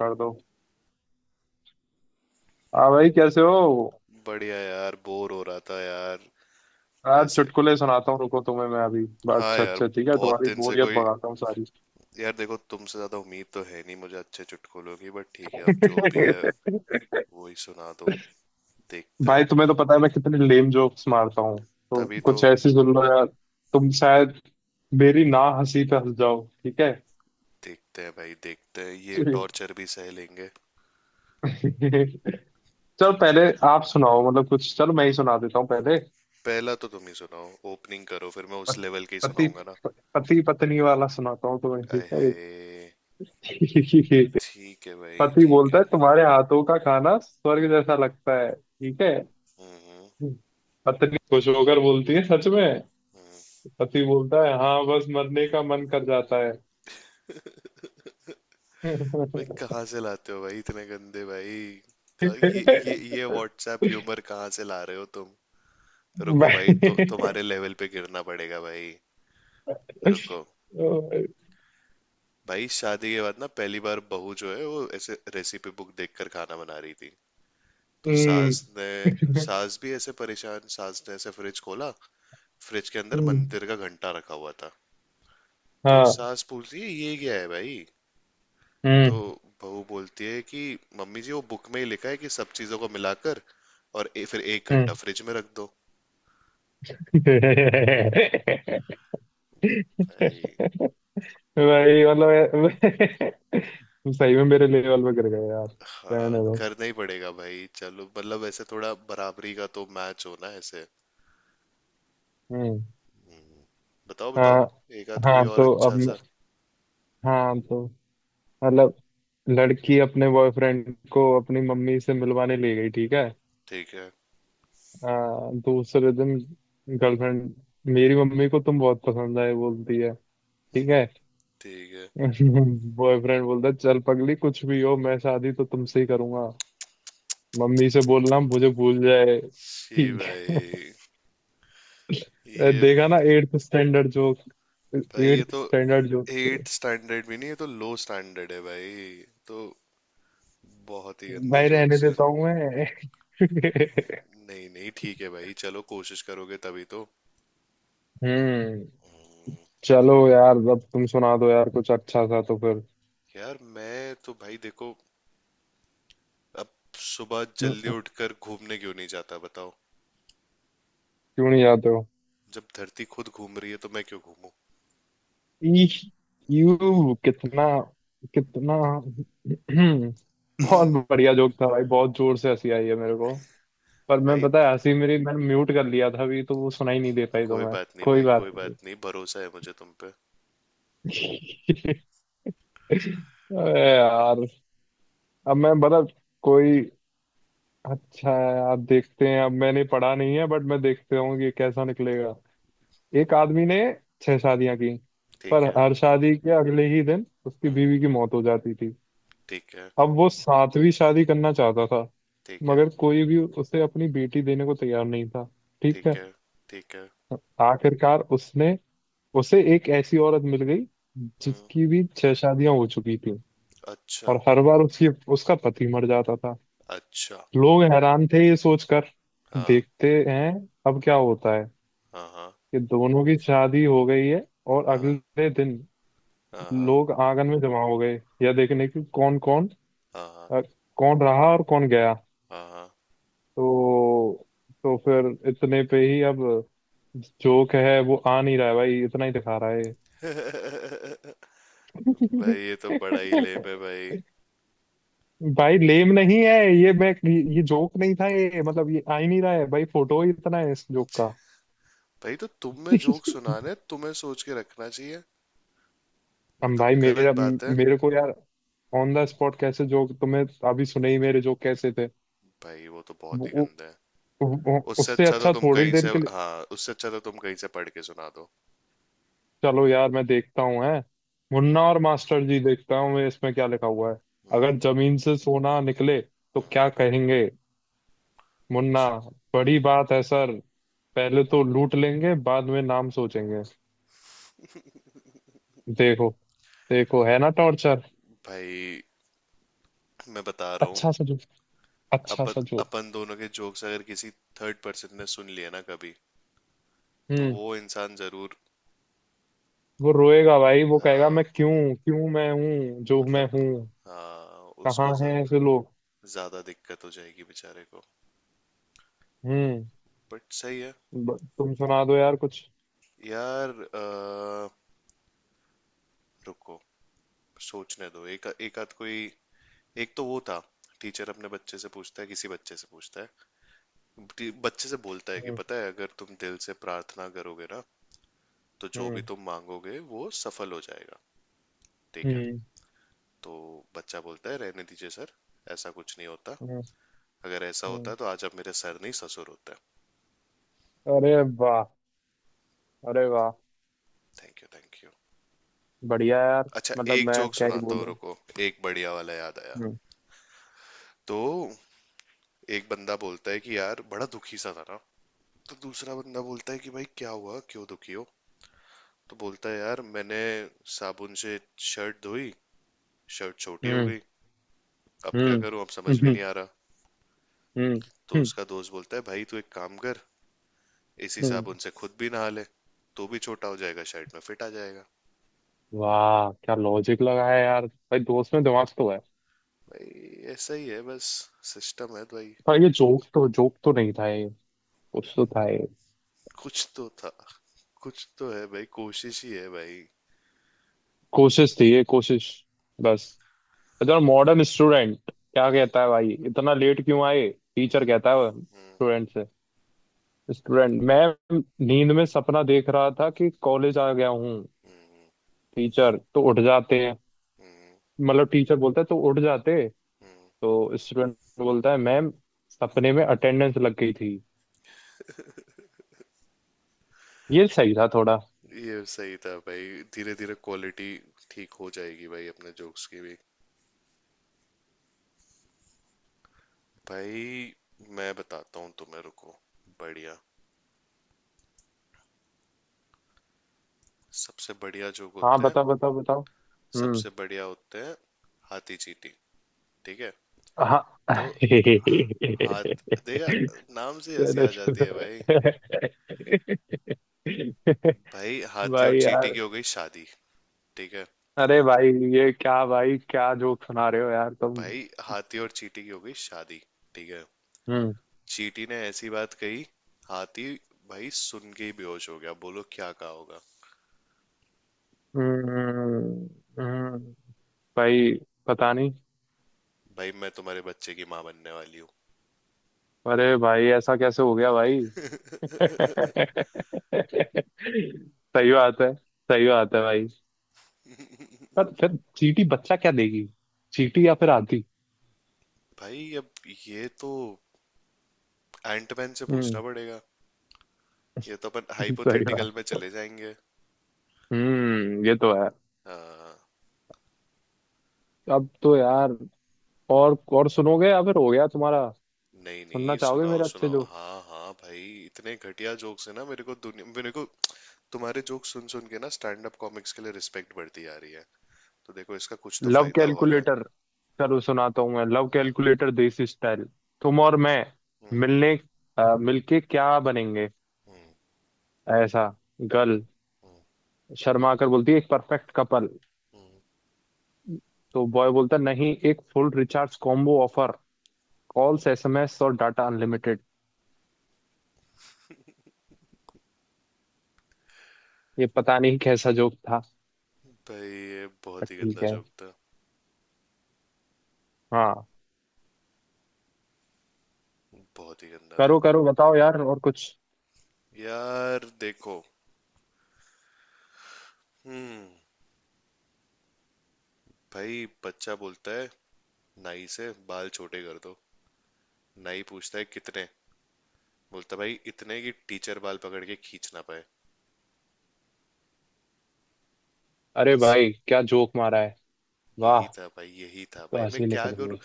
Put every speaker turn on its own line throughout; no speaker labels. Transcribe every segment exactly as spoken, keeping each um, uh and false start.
कर दो। हाँ भाई, कैसे हो?
बढ़िया यार, बोर हो रहा था यार।
यार
ऐसे।
चुटकुले सुनाता हूँ, रुको तुम्हें। मैं अभी बस,
हाँ
अच्छा
यार।
अच्छा ठीक है,
बहुत
तुम्हारी
दिन से
बोरियत
कोई।
भगाता हूँ सारी।
यार देखो, तुमसे ज्यादा उम्मीद तो है नहीं मुझे अच्छे चुटकुलों की, बट ठीक है, अब जो भी है वही सुना दो। देखते हैं।
भाई तुम्हें तो पता है मैं कितने लेम जोक्स मारता हूँ, तो
तभी तो।
कुछ ऐसी सुन लो यार। तुम शायद मेरी ना हंसी पे हंस जाओ, ठीक है।
देखते हैं भाई, देखते हैं, ये टॉर्चर भी सह लेंगे।
चलो
ठीक है।
पहले आप सुनाओ, मतलब कुछ। चलो मैं ही सुना देता हूँ पहले।
पहला तो तुम ही सुनाओ, ओपनिंग करो, फिर मैं उस
प-
लेवल के ही
पति
सुनाऊंगा ना।
पति पत्नी वाला सुनाता हूँ तुम्हें,
आय
ठीक है।
हाय। ठीक है भाई,
पति
ठीक
बोलता
है।
है तुम्हारे हाथों का खाना स्वर्ग जैसा लगता है, ठीक है।
हम्म, हम्म।
पत्नी खुश होकर बोलती है, सच में?
हम्म।
पति बोलता है हाँ, बस मरने का मन कर जाता है।
भाई कहाँ से लाते हो भाई, इतने गंदे भाई। क- ये ये ये व्हाट्सएप ह्यूमर कहाँ से ला रहे हो तुम। रुको भाई, तो तुम्हारे लेवल पे गिरना पड़ेगा भाई। रुको। भाई शादी के बाद ना, पहली बार बहू जो है वो ऐसे रेसिपी बुक देखकर खाना बना रही थी। तो
हम्म
सास ने, सास भी ऐसे परेशान, सास ने ऐसे फ्रिज खोला। फ्रिज के अंदर
हम्म,
मंदिर का घंटा रखा हुआ था। तो
हाँ।
सास पूछती है ये क्या है भाई। तो
हम्म
बहू बोलती है कि मम्मी जी वो बुक में ही लिखा है कि सब चीजों को मिलाकर और ए, फिर एक
हम्म।
घंटा फ्रिज में रख दो। भाई।
भाई मतलब, तू सही में मेरे लेवल पे गिर गए यार। रहने
हाँ,
दो।
करना ही पड़ेगा भाई, चलो, मतलब ऐसे थोड़ा बराबरी का तो मैच होना है ऐसे।
हम्म।
हम्म, बताओ
हाँ।
बताओ, एक आध कोई
हाँ
और
तो अब
अच्छा
मैं-
सा।
हाँ तो मतलब, लड़की अपने बॉयफ्रेंड को अपनी मम्मी से मिलवाने ले गई, ठीक है।
ठीक है।
आ, दूसरे दिन गर्लफ्रेंड, मेरी मम्मी को तुम बहुत पसंद आए, बोलती है। ठीक है।
ठीक है।
बॉयफ्रेंड बोलता है चल पगली, कुछ भी हो मैं शादी तो तुमसे ही करूंगा। मम्मी से बोलना मुझे भूल जाए।
जी
ठीक
भाई।
है।
ये
देखा ना, एट्थ स्टैंडर्ड जो...
भाई, ये
एट्थ
तो
स्टैंडर्ड जो
एट स्टैंडर्ड भी नहीं, ये तो लो स्टैंडर्ड है भाई। तो बहुत ही गंदे
भाई रहने
जोक्स।
देता हूँ मैं।
नहीं नहीं, ठीक है भाई, चलो, कोशिश करोगे तभी तो।
हम्म। चलो यार अब तुम सुना दो यार कुछ अच्छा सा तो फिर।
यार मैं तो भाई देखो, अब सुबह
न-
जल्दी उठकर घूमने क्यों नहीं जाता बताओ।
क्यों नहीं जाते हो?
जब धरती खुद घूम रही है तो मैं क्यों घूमूं।
ईश, यू कितना... कितना... बहुत बढ़िया जोक था भाई, बहुत जोर से हंसी आई है मेरे को। पर मैं
भाई
पता है, हंसी मेरी मैंने म्यूट कर लिया था अभी, तो वो सुनाई नहीं दे पाई, तो
कोई
मैं...
बात नहीं
कोई
भाई,
बात
कोई
नहीं।
बात नहीं, भरोसा है मुझे तुम पे।
अरे यार। अब मैं बता कोई अच्छा है यार, देखते हैं। अब मैंने पढ़ा नहीं है बट मैं देखते हूँ कि कैसा निकलेगा। एक आदमी ने छह शादियां की, पर
ठीक है।
हर शादी के अगले ही दिन उसकी
हम्म।
बीवी की मौत हो जाती थी।
ठीक है।
अब वो सातवीं शादी करना चाहता था,
ठीक है।
मगर कोई भी उसे अपनी बेटी देने को तैयार नहीं था। ठीक है।
ठीक है। ठीक है।
आखिरकार उसने, उसे एक ऐसी औरत मिल गई,
हम्म।
जिसकी भी छह शादियां हो चुकी थी,
अच्छा।
और हर बार उसकी उसका पति मर जाता था।
अच्छा।
लोग हैरान थे ये सोचकर,
हाँ,
देखते हैं अब क्या होता है,
हाँ, हाँ,
कि दोनों की शादी हो गई है। और
हाँ,
अगले दिन
हाँ,
लोग आंगन में जमा हो गए, यह देखने की कौन कौन,
हाँ,
कौन रहा और कौन गया।
हाँ, हाँ।
तो तो फिर इतने पे ही अब, जोक है वो आ नहीं रहा है भाई, इतना ही दिखा रहा है।
भाई ये तो बड़ा ही लेप है भाई।
भाई लेम नहीं है ये। मैं, ये जोक नहीं था ये, मतलब ये आ ही नहीं रहा है भाई, फोटो ही इतना है इस जोक का।
भाई, तो तुम्हें जोक सुनाने तुम्हें सोच के रखना चाहिए। ये
हम
तो
भाई,
गलत
मेरा
बात है।
मेरे को यार, ऑन द स्पॉट कैसे जोक तुम्हें... अभी सुने ही मेरे जोक कैसे थे।
भाई वो तो बहुत
वो,
ही
वो,
गंदा है।
वो,
उससे
उससे
अच्छा तो
अच्छा
तुम
थोड़ी
कहीं से,
देर के लिए।
हाँ, उससे अच्छा तो तुम कहीं से पढ़ के सुना दो।
चलो यार मैं देखता हूँ, है
हम्म,
मुन्ना और मास्टर जी, देखता हूँ मैं इसमें क्या लिखा हुआ है।
हम्म,
अगर जमीन से सोना निकले तो
हम्म, हम्म।
क्या कहेंगे? मुन्ना,
हम्म।
बड़ी बात है सर, पहले तो लूट लेंगे बाद में नाम सोचेंगे। देखो, देखो है ना टॉर्चर।
भाई मैं बता रहा हूँ,
अच्छा सा जोक, अच्छा
अपन
सा जोक।
अपन दोनों के जोक्स अगर किसी थर्ड पर्सन ने सुन लिए ना कभी, तो
हम्म।
वो इंसान जरूर,
वो रोएगा भाई, वो कहेगा
हाँ,
मैं क्यों, क्यों मैं हूँ जो मैं
मतलब,
हूँ,
हाँ, उसको
कहाँ
ज-
है ऐसे लोग।
ज्यादा दिक्कत हो जाएगी बेचारे को।
हम्म।
बट सही है।
ब- तुम सुना दो यार कुछ।
यार अ, रुको, सोचने दो, एक एक आध कोई। एक तो वो था, टीचर अपने बच्चे से पूछता है, किसी बच्चे से पूछता है, टी- बच्चे से बोलता है कि
हम्म
पता है, अगर तुम दिल से प्रार्थना करोगे ना तो जो भी
हम्म
तुम मांगोगे वो सफल हो जाएगा। ठीक है।
हम्म
तो बच्चा बोलता है रहने दीजिए सर, ऐसा कुछ नहीं होता,
हम्म
अगर ऐसा
हम्म।
होता तो आज आप मेरे सर नहीं ससुर होते।
अरे वाह! अरे वाह!
Thank you, thank you.
बढ़िया यार।
अच्छा,
मतलब
एक
मैं
जोक
क्या ही
सुनाता हूँ,
बोलूं।
रुको, एक बढ़िया वाला याद आया।
हम्म।
तो एक बंदा बोलता है कि यार बड़ा दुखी सा था ना, तो दूसरा बंदा बोलता है कि भाई क्या हुआ, क्यों दुखी हो। तो बोलता है यार मैंने साबुन से शर्ट धोई, शर्ट छोटी हो
हम्म
गई, अब क्या
हम्म
करूं, अब समझ में
हम्म
नहीं आ रहा।
हम्म
तो
हम्म,
उसका दोस्त बोलता है भाई तू एक काम कर, इसी
हम्म।
साबुन से खुद भी नहा ले, तो भी छोटा हो जाएगा, शर्ट में फिट आ जाएगा।
वाह क्या लॉजिक लगा है यार, भाई दोस्त में दिमाग तो है।
भाई ऐसा ही है बस, सिस्टम है भाई।
पर ये जोक तो, जोक तो नहीं था ये, कुछ तो था ये,
कुछ तो था, कुछ तो है भाई, कोशिश ही है भाई।
कोशिश थी ये, कोशिश बस। इतना मॉडर्न स्टूडेंट क्या
हम्म,
कहता है भाई, इतना लेट क्यों आए?
हम्म,
टीचर कहता है
हम्म,
स्टूडेंट से, स्टूडेंट, मैं नींद में सपना देख रहा था कि कॉलेज आ गया हूँ।
हम्म,
टीचर तो उठ जाते हैं,
हम्म,
मतलब टीचर बोलता है तो उठ जाते।
हम्म।
तो स्टूडेंट बोलता है मैम, सपने में अटेंडेंस लग गई थी। ये सही था थोड़ा।
ये सही था भाई, धीरे धीरे क्वालिटी ठीक हो जाएगी भाई, अपने जोक्स की भी। भाई मैं बताता हूँ तुम्हें, रुको, बढ़िया, सबसे बढ़िया जोक
हाँ
होते हैं,
बताओ बताओ बताओ। हम्म।
सबसे बढ़िया होते हैं, हाथी चींटी। ठीक है।
हाँ।
तो हाथ देखा, नाम से हंसी
चलो
आ जाती
चलो।
है भाई। भाई हाथी और
भाई
चींटी
यार,
की हो गई शादी। ठीक है।
अरे भाई ये क्या भाई, क्या जोक सुना रहे हो यार तुम।
भाई हाथी और चींटी की हो गई शादी। ठीक है।
हम्म
चींटी ने ऐसी बात कही, हाथी भाई सुन के ही बेहोश हो गया, बोलो क्या कहा होगा।
हम्म हम्म, हम्म। भाई पता नहीं।
भाई मैं तुम्हारे बच्चे की माँ बनने वाली हूँ।
अरे भाई ऐसा कैसे हो गया भाई? सही बात है। सही बात है भाई। पर फिर चींटी बच्चा क्या देगी, चींटी या फिर आंधी?
भाई अब ये तो एंटमैन से
हम्म।
पूछना पड़ेगा, ये तो अपन
सही
हाइपोथेटिकल
बात।
में चले जाएंगे।
हम्म ये तो है।
हाँ।
अब तो यार और और सुनोगे या फिर हो गया तुम्हारा?
नहीं
सुनना
नहीं,
चाहोगे
सुनाओ
मेरे अच्छे
सुनाओ,
जो...
हाँ हाँ भाई। इतने घटिया जोक्स है ना, मेरे को दुनिया, मेरे को तुम्हारे जोक्स सुन सुन के ना स्टैंड अप कॉमिक्स के लिए रिस्पेक्ट बढ़ती आ रही है। तो देखो, इसका कुछ तो
लव
फायदा हो रहा है।
कैलकुलेटर। चलो सुनाता हूँ मैं, लव
हाँ,
कैलकुलेटर देसी स्टाइल। तुम और मैं
हम्म,
मिलने, अ, मिलके क्या बनेंगे?
हम्म,
ऐसा गर्ल
हम्म,
शर्मा कर बोलती है, एक परफेक्ट कपल।
हम्म।
तो बॉय बोलता नहीं, एक full recharge combo offer, calls S M S और डाटा अनलिमिटेड। ये पता नहीं कैसा जोक था,
भाई ये
पर
बहुत ही
ठीक
गंदा
है।
जोक था,
हाँ।
बहुत ही गंदा था।
करो करो बताओ यार और कुछ।
यार देखो। हम्म। भाई बच्चा बोलता है नाई से, बाल छोटे कर दो, नाई पूछता है कितने, बोलता भाई इतने कि टीचर बाल पकड़ के खींच ना पाए।
अरे
बस,
भाई क्या जोक मारा है!
यही
वाह!
था भाई, यही था
तो
भाई, मैं
हंसी
क्या
निकल
करूं।
गई।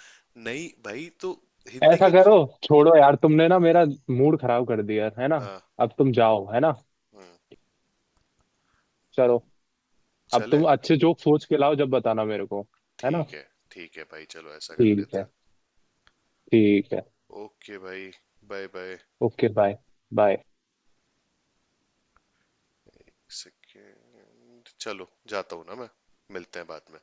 नहीं भाई, तो हिंदी
ऐसा
के,
करो, छोड़ो यार, तुमने ना मेरा मूड खराब कर दिया है ना।
हाँ,
अब तुम जाओ, है ना?
हम्म,
चलो। अब
चले।
तुम अच्छे जोक सोच के लाओ, जब बताना मेरे को, है ना?
ठीक है। ठीक है भाई, चलो, ऐसा कर
ठीक
लेते
है।
हैं।
ठीक है।
ओके भाई, bye bye.
Okay, bye. Bye.
Second. चलो, जाता हूँ ना मैं, मिलते हैं बाद में।